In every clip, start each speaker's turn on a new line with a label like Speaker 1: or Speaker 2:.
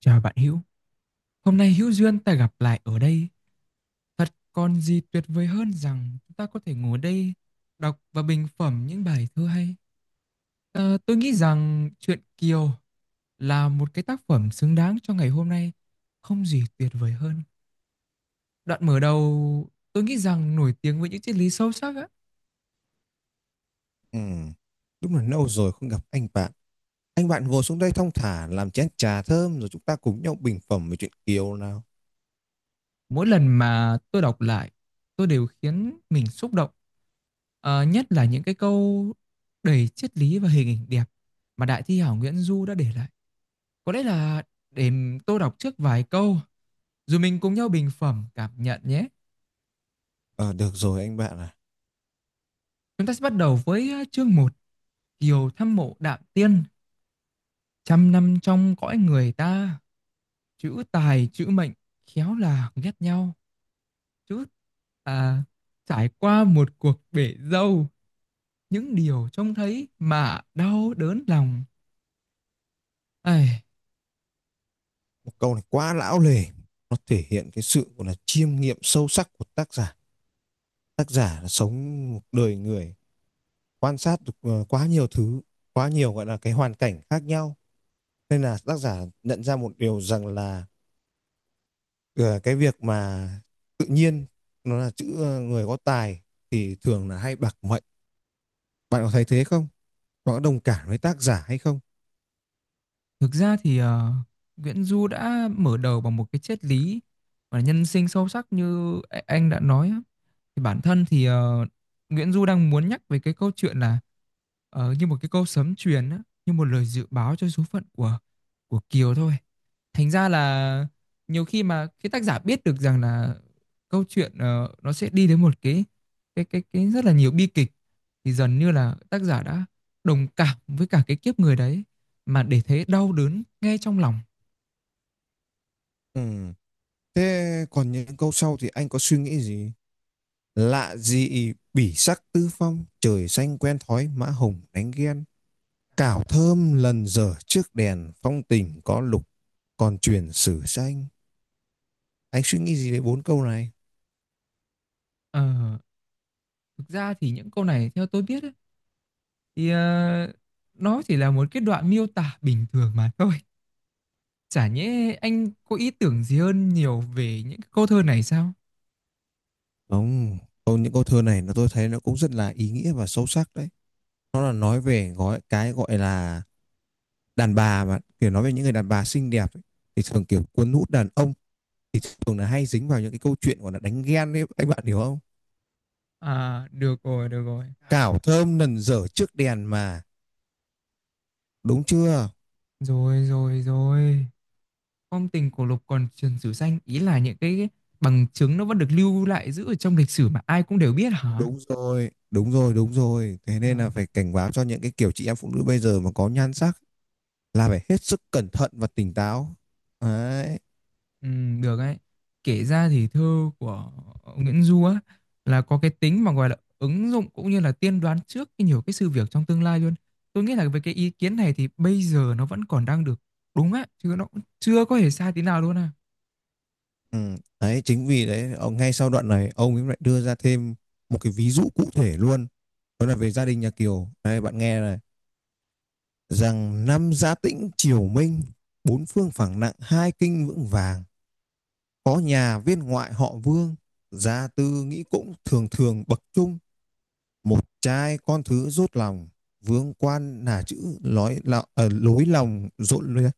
Speaker 1: Chào bạn Hữu, hôm nay hữu duyên ta gặp lại ở đây. Thật còn gì tuyệt vời hơn rằng chúng ta có thể ngồi đây đọc và bình phẩm những bài thơ hay. Tôi nghĩ rằng truyện Kiều là một cái tác phẩm xứng đáng cho ngày hôm nay, không gì tuyệt vời hơn. Đoạn mở đầu tôi nghĩ rằng nổi tiếng với những triết lý sâu sắc á.
Speaker 2: Ừ, đúng là lâu rồi không gặp anh bạn. Anh bạn ngồi xuống đây thong thả làm chén trà thơm rồi chúng ta cùng nhau bình phẩm về chuyện Kiều nào.
Speaker 1: Mỗi lần mà tôi đọc lại, tôi đều khiến mình xúc động. Nhất là những cái câu đầy triết lý và hình ảnh đẹp mà đại thi hảo Nguyễn Du đã để lại. Có lẽ là để tôi đọc trước vài câu, rồi mình cùng nhau bình phẩm cảm nhận nhé.
Speaker 2: Ờ, Được rồi anh bạn à.
Speaker 1: Chúng ta sẽ bắt đầu với chương một Kiều thăm mộ Đạm Tiên, trăm năm trong cõi người ta, chữ tài chữ mệnh, khéo là ghét nhau. Chữ à, Trải qua một cuộc bể dâu, những điều trông thấy mà đau đớn lòng. Ai,
Speaker 2: Một câu này quá lão lề. Nó thể hiện cái sự gọi là chiêm nghiệm sâu sắc của tác giả. Tác giả là sống một đời người quan sát được quá nhiều thứ, quá nhiều gọi là cái hoàn cảnh khác nhau. Nên là tác giả nhận ra một điều rằng là ờ, cái việc mà tự nhiên nó là chữ người có tài thì thường là hay bạc mệnh. Bạn có thấy thế không? Bạn có đồng cảm với tác giả hay không?
Speaker 1: thực ra thì Nguyễn Du đã mở đầu bằng một cái triết lý và nhân sinh sâu sắc như anh đã nói. Thì bản thân thì Nguyễn Du đang muốn nhắc về cái câu chuyện là như một cái câu sấm truyền á, như một lời dự báo cho số phận của Kiều thôi. Thành ra là nhiều khi mà cái tác giả biết được rằng là câu chuyện nó sẽ đi đến một cái rất là nhiều bi kịch thì dần như là tác giả đã đồng cảm với cả cái kiếp người đấy mà để thấy đau đớn ngay trong lòng.
Speaker 2: Ừm, Thế còn những câu sau thì anh có suy nghĩ gì? Lạ gì bỉ sắc tư phong, trời xanh quen thói mã hồng đánh ghen. Cảo thơm lần dở trước đèn, phong tình có lục, còn truyền sử xanh. Anh suy nghĩ gì về bốn câu này?
Speaker 1: Ờ, Thực ra thì những câu này theo tôi biết ấy, thì nó chỉ là một cái đoạn miêu tả bình thường mà thôi. Chả nhẽ anh có ý tưởng gì hơn nhiều về những cái câu thơ này sao?
Speaker 2: Không, những câu thơ này nó tôi thấy nó cũng rất là ý nghĩa và sâu sắc đấy. Nó là nói về gói cái gọi là đàn bà mà kiểu nói về những người đàn bà xinh đẹp ấy, thì thường kiểu cuốn hút đàn ông thường là hay dính vào những cái câu chuyện gọi là đánh ghen ấy anh bạn hiểu không.
Speaker 1: À, được rồi, được rồi.
Speaker 2: Cảo thơm nần dở trước đèn mà, đúng chưa?
Speaker 1: Rồi, rồi, rồi. Phong tình cổ lục còn truyền sử xanh, ý là những cái bằng chứng nó vẫn được lưu lại giữ ở trong lịch sử mà ai cũng đều biết hả?
Speaker 2: Đúng rồi, đúng rồi, đúng rồi, thế nên
Speaker 1: À.
Speaker 2: là phải cảnh báo cho những cái kiểu chị em phụ nữ bây giờ mà có nhan sắc là phải hết sức cẩn thận và tỉnh táo đấy.
Speaker 1: Ừ, được ấy. Kể ra thì thơ của Nguyễn Du á là có cái tính mà gọi là ứng dụng cũng như là tiên đoán trước cái nhiều cái sự việc trong tương lai luôn. Tôi nghĩ là với cái ý kiến này thì bây giờ nó vẫn còn đang được đúng á, chứ nó cũng chưa có hề sai tí nào luôn à.
Speaker 2: Ừ. Đấy chính vì đấy ông ngay sau đoạn này ông ấy lại đưa ra thêm một cái ví dụ cụ thể luôn, đó là về gia đình nhà Kiều, đây bạn nghe này: rằng năm gia tĩnh triều minh, bốn phương phẳng nặng hai kinh vững vàng. Có nhà viên ngoại họ Vương, gia tư nghĩ cũng thường thường bậc trung, một trai con thứ rốt lòng, vương quan là chữ lối, lối lòng rộn lối,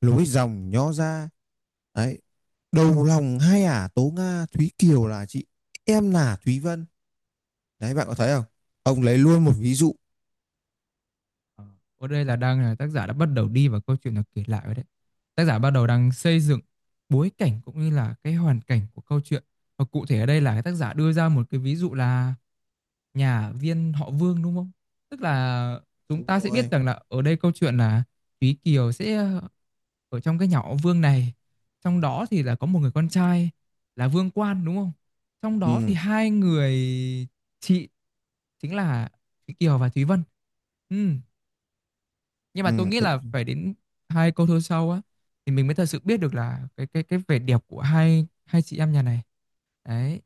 Speaker 2: lối dòng nhó ra. Đấy, đầu lòng hai ả à, Tố Nga, Thúy Kiều là chị, em là Thúy Vân. Đấy, bạn có thấy không? Ông lấy luôn một ví dụ.
Speaker 1: Ờ, Ở đây là đang là tác giả đã bắt đầu đi vào câu chuyện được kể lại rồi đấy. Tác giả bắt đầu đang xây dựng bối cảnh cũng như là cái hoàn cảnh của câu chuyện. Và cụ thể ở đây là cái tác giả đưa ra một cái ví dụ là nhà viên họ Vương đúng không? Tức là chúng
Speaker 2: Đúng
Speaker 1: ta sẽ
Speaker 2: rồi.
Speaker 1: biết rằng là ở đây câu chuyện là Thúy Kiều sẽ ở trong cái nhà họ Vương này. Trong đó thì là có một người con trai là Vương Quan đúng không? Trong đó thì
Speaker 2: Ừ,
Speaker 1: hai người chị chính là Thúy Kiều và Thúy Vân. Ừ, nhưng mà
Speaker 2: ừ,
Speaker 1: tôi nghĩ là
Speaker 2: đúng.
Speaker 1: phải đến hai câu thơ sau á thì mình mới thật sự biết được là cái vẻ đẹp của hai hai chị em nhà này đấy.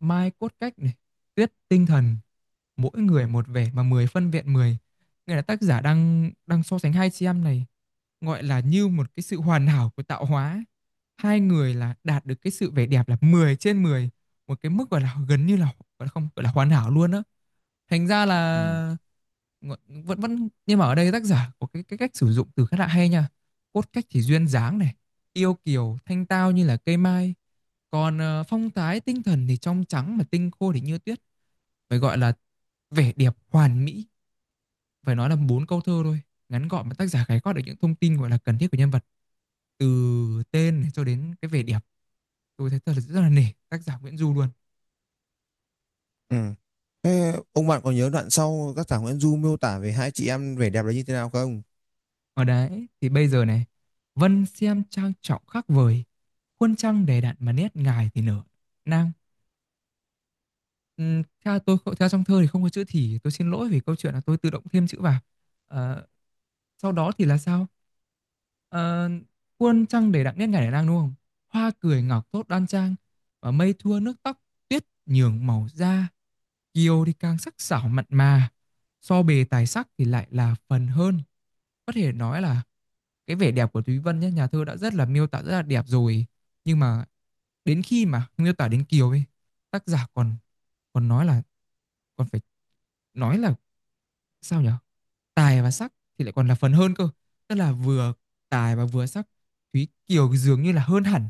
Speaker 1: Mai cốt cách này, Tuyết tinh thần, mỗi người một vẻ mà 10 phân vẹn mười, nghĩa là tác giả đang đang so sánh hai chị em này, gọi là như một cái sự hoàn hảo của tạo hóa, hai người là đạt được cái sự vẻ đẹp là 10/10, một cái mức gọi là gần như là gọi là không gọi là hoàn hảo luôn á. Thành ra
Speaker 2: Ừ.
Speaker 1: là vẫn vẫn nhưng mà ở đây tác giả có cái cách sử dụng từ khá là hay nha, cốt cách thì duyên dáng này, yêu kiều thanh tao như là cây mai, còn phong thái tinh thần thì trong trắng mà tinh khô thì như tuyết, phải gọi là vẻ đẹp hoàn mỹ. Phải nói là bốn câu thơ thôi, ngắn gọn mà tác giả khái quát được những thông tin gọi là cần thiết của nhân vật, từ tên này cho đến cái vẻ đẹp. Tôi thấy thật là rất là nể tác giả Nguyễn Du luôn.
Speaker 2: Ừ. Thế ông bạn có nhớ đoạn sau các thảo Nguyễn Du miêu tả về hai chị em vẻ đẹp là như thế nào không?
Speaker 1: Ở đấy thì bây giờ này, Vân xem trang trọng khác vời, Khuôn trăng đầy đặn mà nét ngài thì nở nang. Theo tôi theo trong thơ thì không có chữ "thì", tôi xin lỗi vì câu chuyện là tôi tự động thêm chữ vào. Ờ, Sau đó thì là sao? Ờ, "Muôn trăng đầy đặn nét ngày nở nang", đúng không? "Hoa cười ngọc thốt đoan trang, và mây thua nước tóc, tuyết nhường màu da." Kiều thì càng sắc sảo mặn mà, so bề tài sắc thì lại là phần hơn. Có thể nói là cái vẻ đẹp của Thúy Vân nhá, nhà thơ đã rất là miêu tả rất là đẹp rồi, nhưng mà đến khi mà miêu tả đến Kiều ấy, tác giả còn còn nói là còn phải nói là sao nhở, tài và sắc thì lại còn là phần hơn cơ, tức là vừa tài và vừa sắc, Thúy Kiều dường như là hơn hẳn,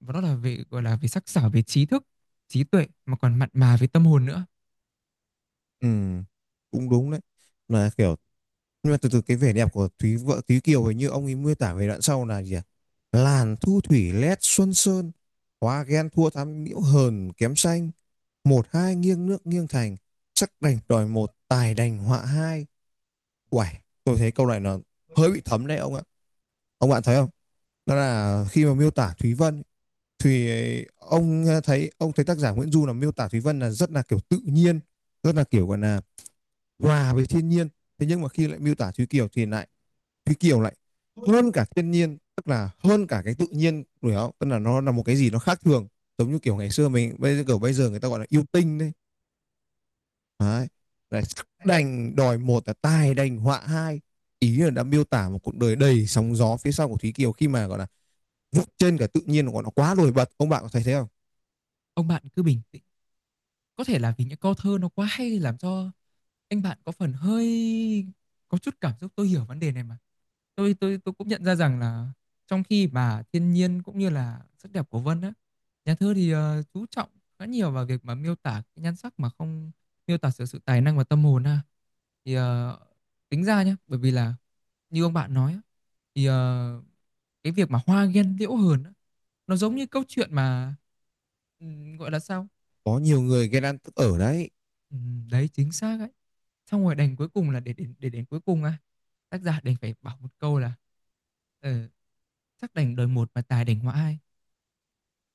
Speaker 1: và đó là về gọi là về sắc sảo, về trí thức trí tuệ mà còn mặn mà về tâm hồn nữa.
Speaker 2: Ừ, cũng đúng đấy. Là kiểu, nhưng mà từ từ cái vẻ đẹp của Thúy Kiều hình như ông ấy miêu tả về đoạn sau là gì à? Làn thu thủy lét xuân sơn, hóa ghen thua thắm nhiễu hờn kém xanh, một hai nghiêng nước nghiêng thành, sắc đành đòi một tài đành họa hai. Uầy, tôi thấy câu này nó hơi bị thấm đấy ông ạ. Ông bạn thấy không? Đó là khi mà miêu tả Thúy Vân thì thấy ông thấy tác giả Nguyễn Du là miêu tả Thúy Vân là rất là kiểu tự nhiên, rất là kiểu gọi là hòa với thiên nhiên, thế nhưng mà khi lại miêu tả Thúy Kiều thì lại, Thúy Kiều lại hơn cả thiên nhiên, tức là hơn cả cái tự nhiên đúng không, tức là nó là một cái gì nó khác thường, giống như kiểu ngày xưa mình bây giờ kiểu bây giờ người ta gọi là yêu tinh đấy. Đấy là đành đòi một là tài đành họa hai, ý là đã miêu tả một cuộc đời đầy sóng gió phía sau của Thúy Kiều khi mà gọi là vượt trên cả tự nhiên của nó quá nổi bật, ông bạn có thấy thế không?
Speaker 1: Ông bạn cứ bình tĩnh, có thể là vì những câu thơ nó quá hay làm cho anh bạn có phần hơi có chút cảm xúc. Tôi hiểu vấn đề này mà, tôi cũng nhận ra rằng là trong khi mà thiên nhiên cũng như là sắc đẹp của Vân á, nhà thơ thì chú trọng khá nhiều vào việc mà miêu tả cái nhan sắc mà không miêu tả sự sự tài năng và tâm hồn ha, thì tính ra nhá, bởi vì là như ông bạn nói á, thì cái việc mà hoa ghen liễu hờn á, nó giống như câu chuyện mà gọi là sao.
Speaker 2: Có nhiều người ghen ăn tức ở đấy.
Speaker 1: Đấy, chính xác ấy. Xong rồi đành cuối cùng là để đến cuối cùng á, tác giả đành phải bảo một câu là "Ờ, sắc đành đời một mà tài đành họa hai,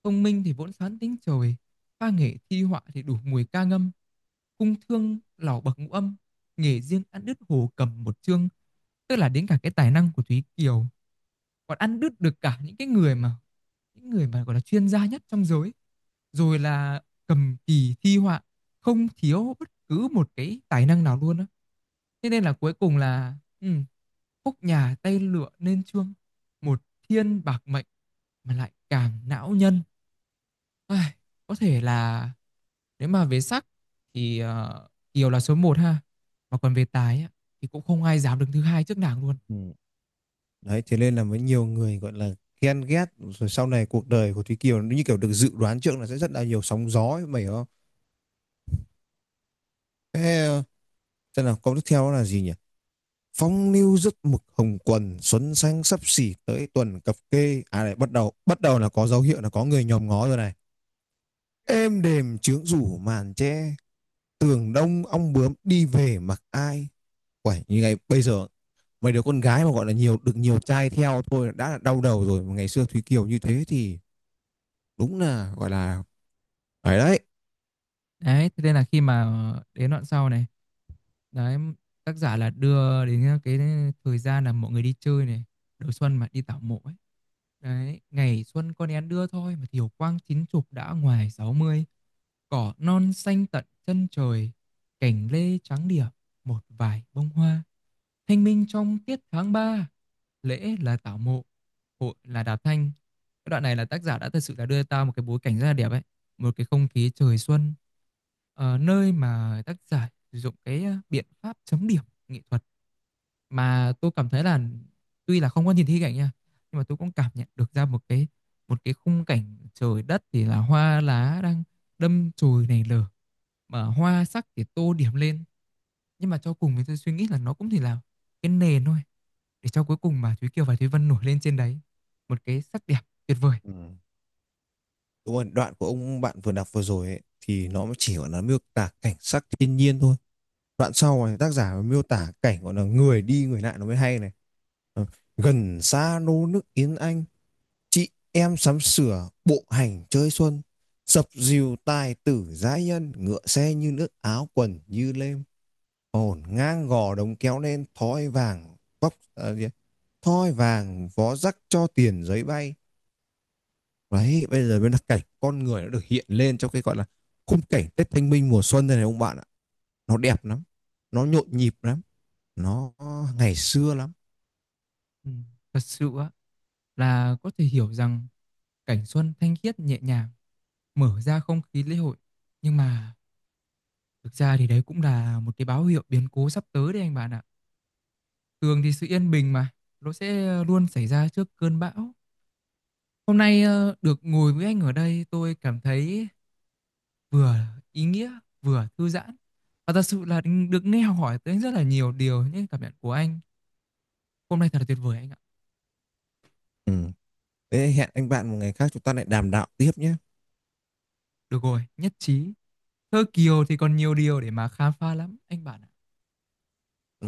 Speaker 1: công minh thì vốn xoán tính trời, pha nghệ thi họa thì đủ mùi ca ngâm, cung thương lỏ bậc ngũ âm, nghề riêng ăn đứt hồ cầm một chương." Tức là đến cả cái tài năng của Thúy Kiều còn ăn đứt được cả những cái người mà những người mà gọi là chuyên gia nhất trong giới, rồi là cầm kỳ thi họa, không thiếu bất cứ một cái tài năng nào luôn á. Thế nên là cuối cùng là ừ, khúc nhà tay lựa nên chương, một thiên bạc mệnh mà lại càng não nhân. Ai, có thể là nếu mà về sắc thì Kiều là số một ha, mà còn về tài á, thì cũng không ai dám đứng thứ hai trước nàng luôn.
Speaker 2: Ừ. Đấy, thế nên là mới nhiều người gọi là ghen ghét rồi sau này cuộc đời của Thúy Kiều nó như kiểu được dự đoán trước là sẽ rất là nhiều sóng gió mày hiểu không? Thế là câu tiếp theo là gì nhỉ? Phong lưu rất mực hồng quần xuân xanh sắp xỉ tới tuần cập kê à, này bắt đầu là có dấu hiệu là có người nhòm ngó rồi này, êm đềm trướng rủ màn che, tường đông ong bướm đi về mặc ai. Quẩy như ngày bây giờ, mấy đứa con gái mà gọi là được nhiều trai theo thôi đã là đau đầu rồi mà ngày xưa Thúy Kiều như thế thì đúng là gọi là phải đấy.
Speaker 1: Đấy, thế nên là khi mà đến đoạn sau này, đấy, tác giả là đưa đến cái thời gian là mọi người đi chơi này, đầu xuân mà đi tảo mộ ấy. Đấy, ngày xuân con én đưa thôi mà thiều quang chín chục đã ngoài sáu mươi, cỏ non xanh tận chân trời, cành lê trắng điểm, một vài bông hoa. Thanh minh trong tiết tháng 3, lễ là tảo mộ, hội là đạp thanh. Cái đoạn này là tác giả đã thật sự là đưa ta một cái bối cảnh rất là đẹp ấy, một cái không khí trời xuân, nơi mà tác giả sử dụng cái biện pháp chấm điểm nghệ thuật, mà tôi cảm thấy là tuy là không có nhìn thấy cảnh nha, nhưng mà tôi cũng cảm nhận được ra một cái khung cảnh trời đất thì là hoa lá đang đâm chồi nảy nở, mà hoa sắc thì tô điểm lên, nhưng mà cho cùng thì tôi suy nghĩ là nó cũng chỉ là cái nền thôi, để cho cuối cùng mà Thúy Kiều và Thúy Vân nổi lên trên đấy một cái sắc đẹp tuyệt vời.
Speaker 2: Ừ. Đúng rồi, đoạn của ông bạn vừa đọc vừa rồi ấy, thì nó chỉ gọi là miêu tả cảnh sắc thiên nhiên thôi. Đoạn sau này tác giả miêu tả cảnh gọi là người đi người lại nó mới hay này. Ờ, Gần xa nô nức yến anh, chị em sắm sửa bộ hành chơi xuân, dập dìu tài tử giãi nhân, ngựa xe như nước áo quần như lêm, hồn ngang gò đống kéo lên thói vàng vóc, à, gì ấy? Thói vàng vó rắc cho tiền giấy bay. Đấy, bây giờ mới là cảnh con người nó được hiện lên trong cái gọi là khung cảnh Tết Thanh Minh mùa xuân đây này ông bạn ạ. Nó đẹp lắm, nó nhộn nhịp lắm, nó ngày xưa lắm.
Speaker 1: Ừ. Thật sự á, là có thể hiểu rằng cảnh xuân thanh khiết nhẹ nhàng, mở ra không khí lễ hội. Nhưng mà thực ra thì đấy cũng là một cái báo hiệu biến cố sắp tới đấy anh bạn ạ. Thường thì sự yên bình mà, nó sẽ luôn xảy ra trước cơn bão. Hôm nay được ngồi với anh ở đây tôi cảm thấy vừa ý nghĩa, vừa thư giãn. Và thật sự là được nghe học hỏi tới rất là nhiều điều những cảm nhận của anh. Hôm nay thật là tuyệt vời anh ạ.
Speaker 2: Ừ. Thế hẹn anh bạn một ngày khác chúng ta lại đàm đạo tiếp nhé.
Speaker 1: Được rồi, nhất trí. Thơ Kiều thì còn nhiều điều để mà khám phá lắm anh bạn ạ.
Speaker 2: Ừ.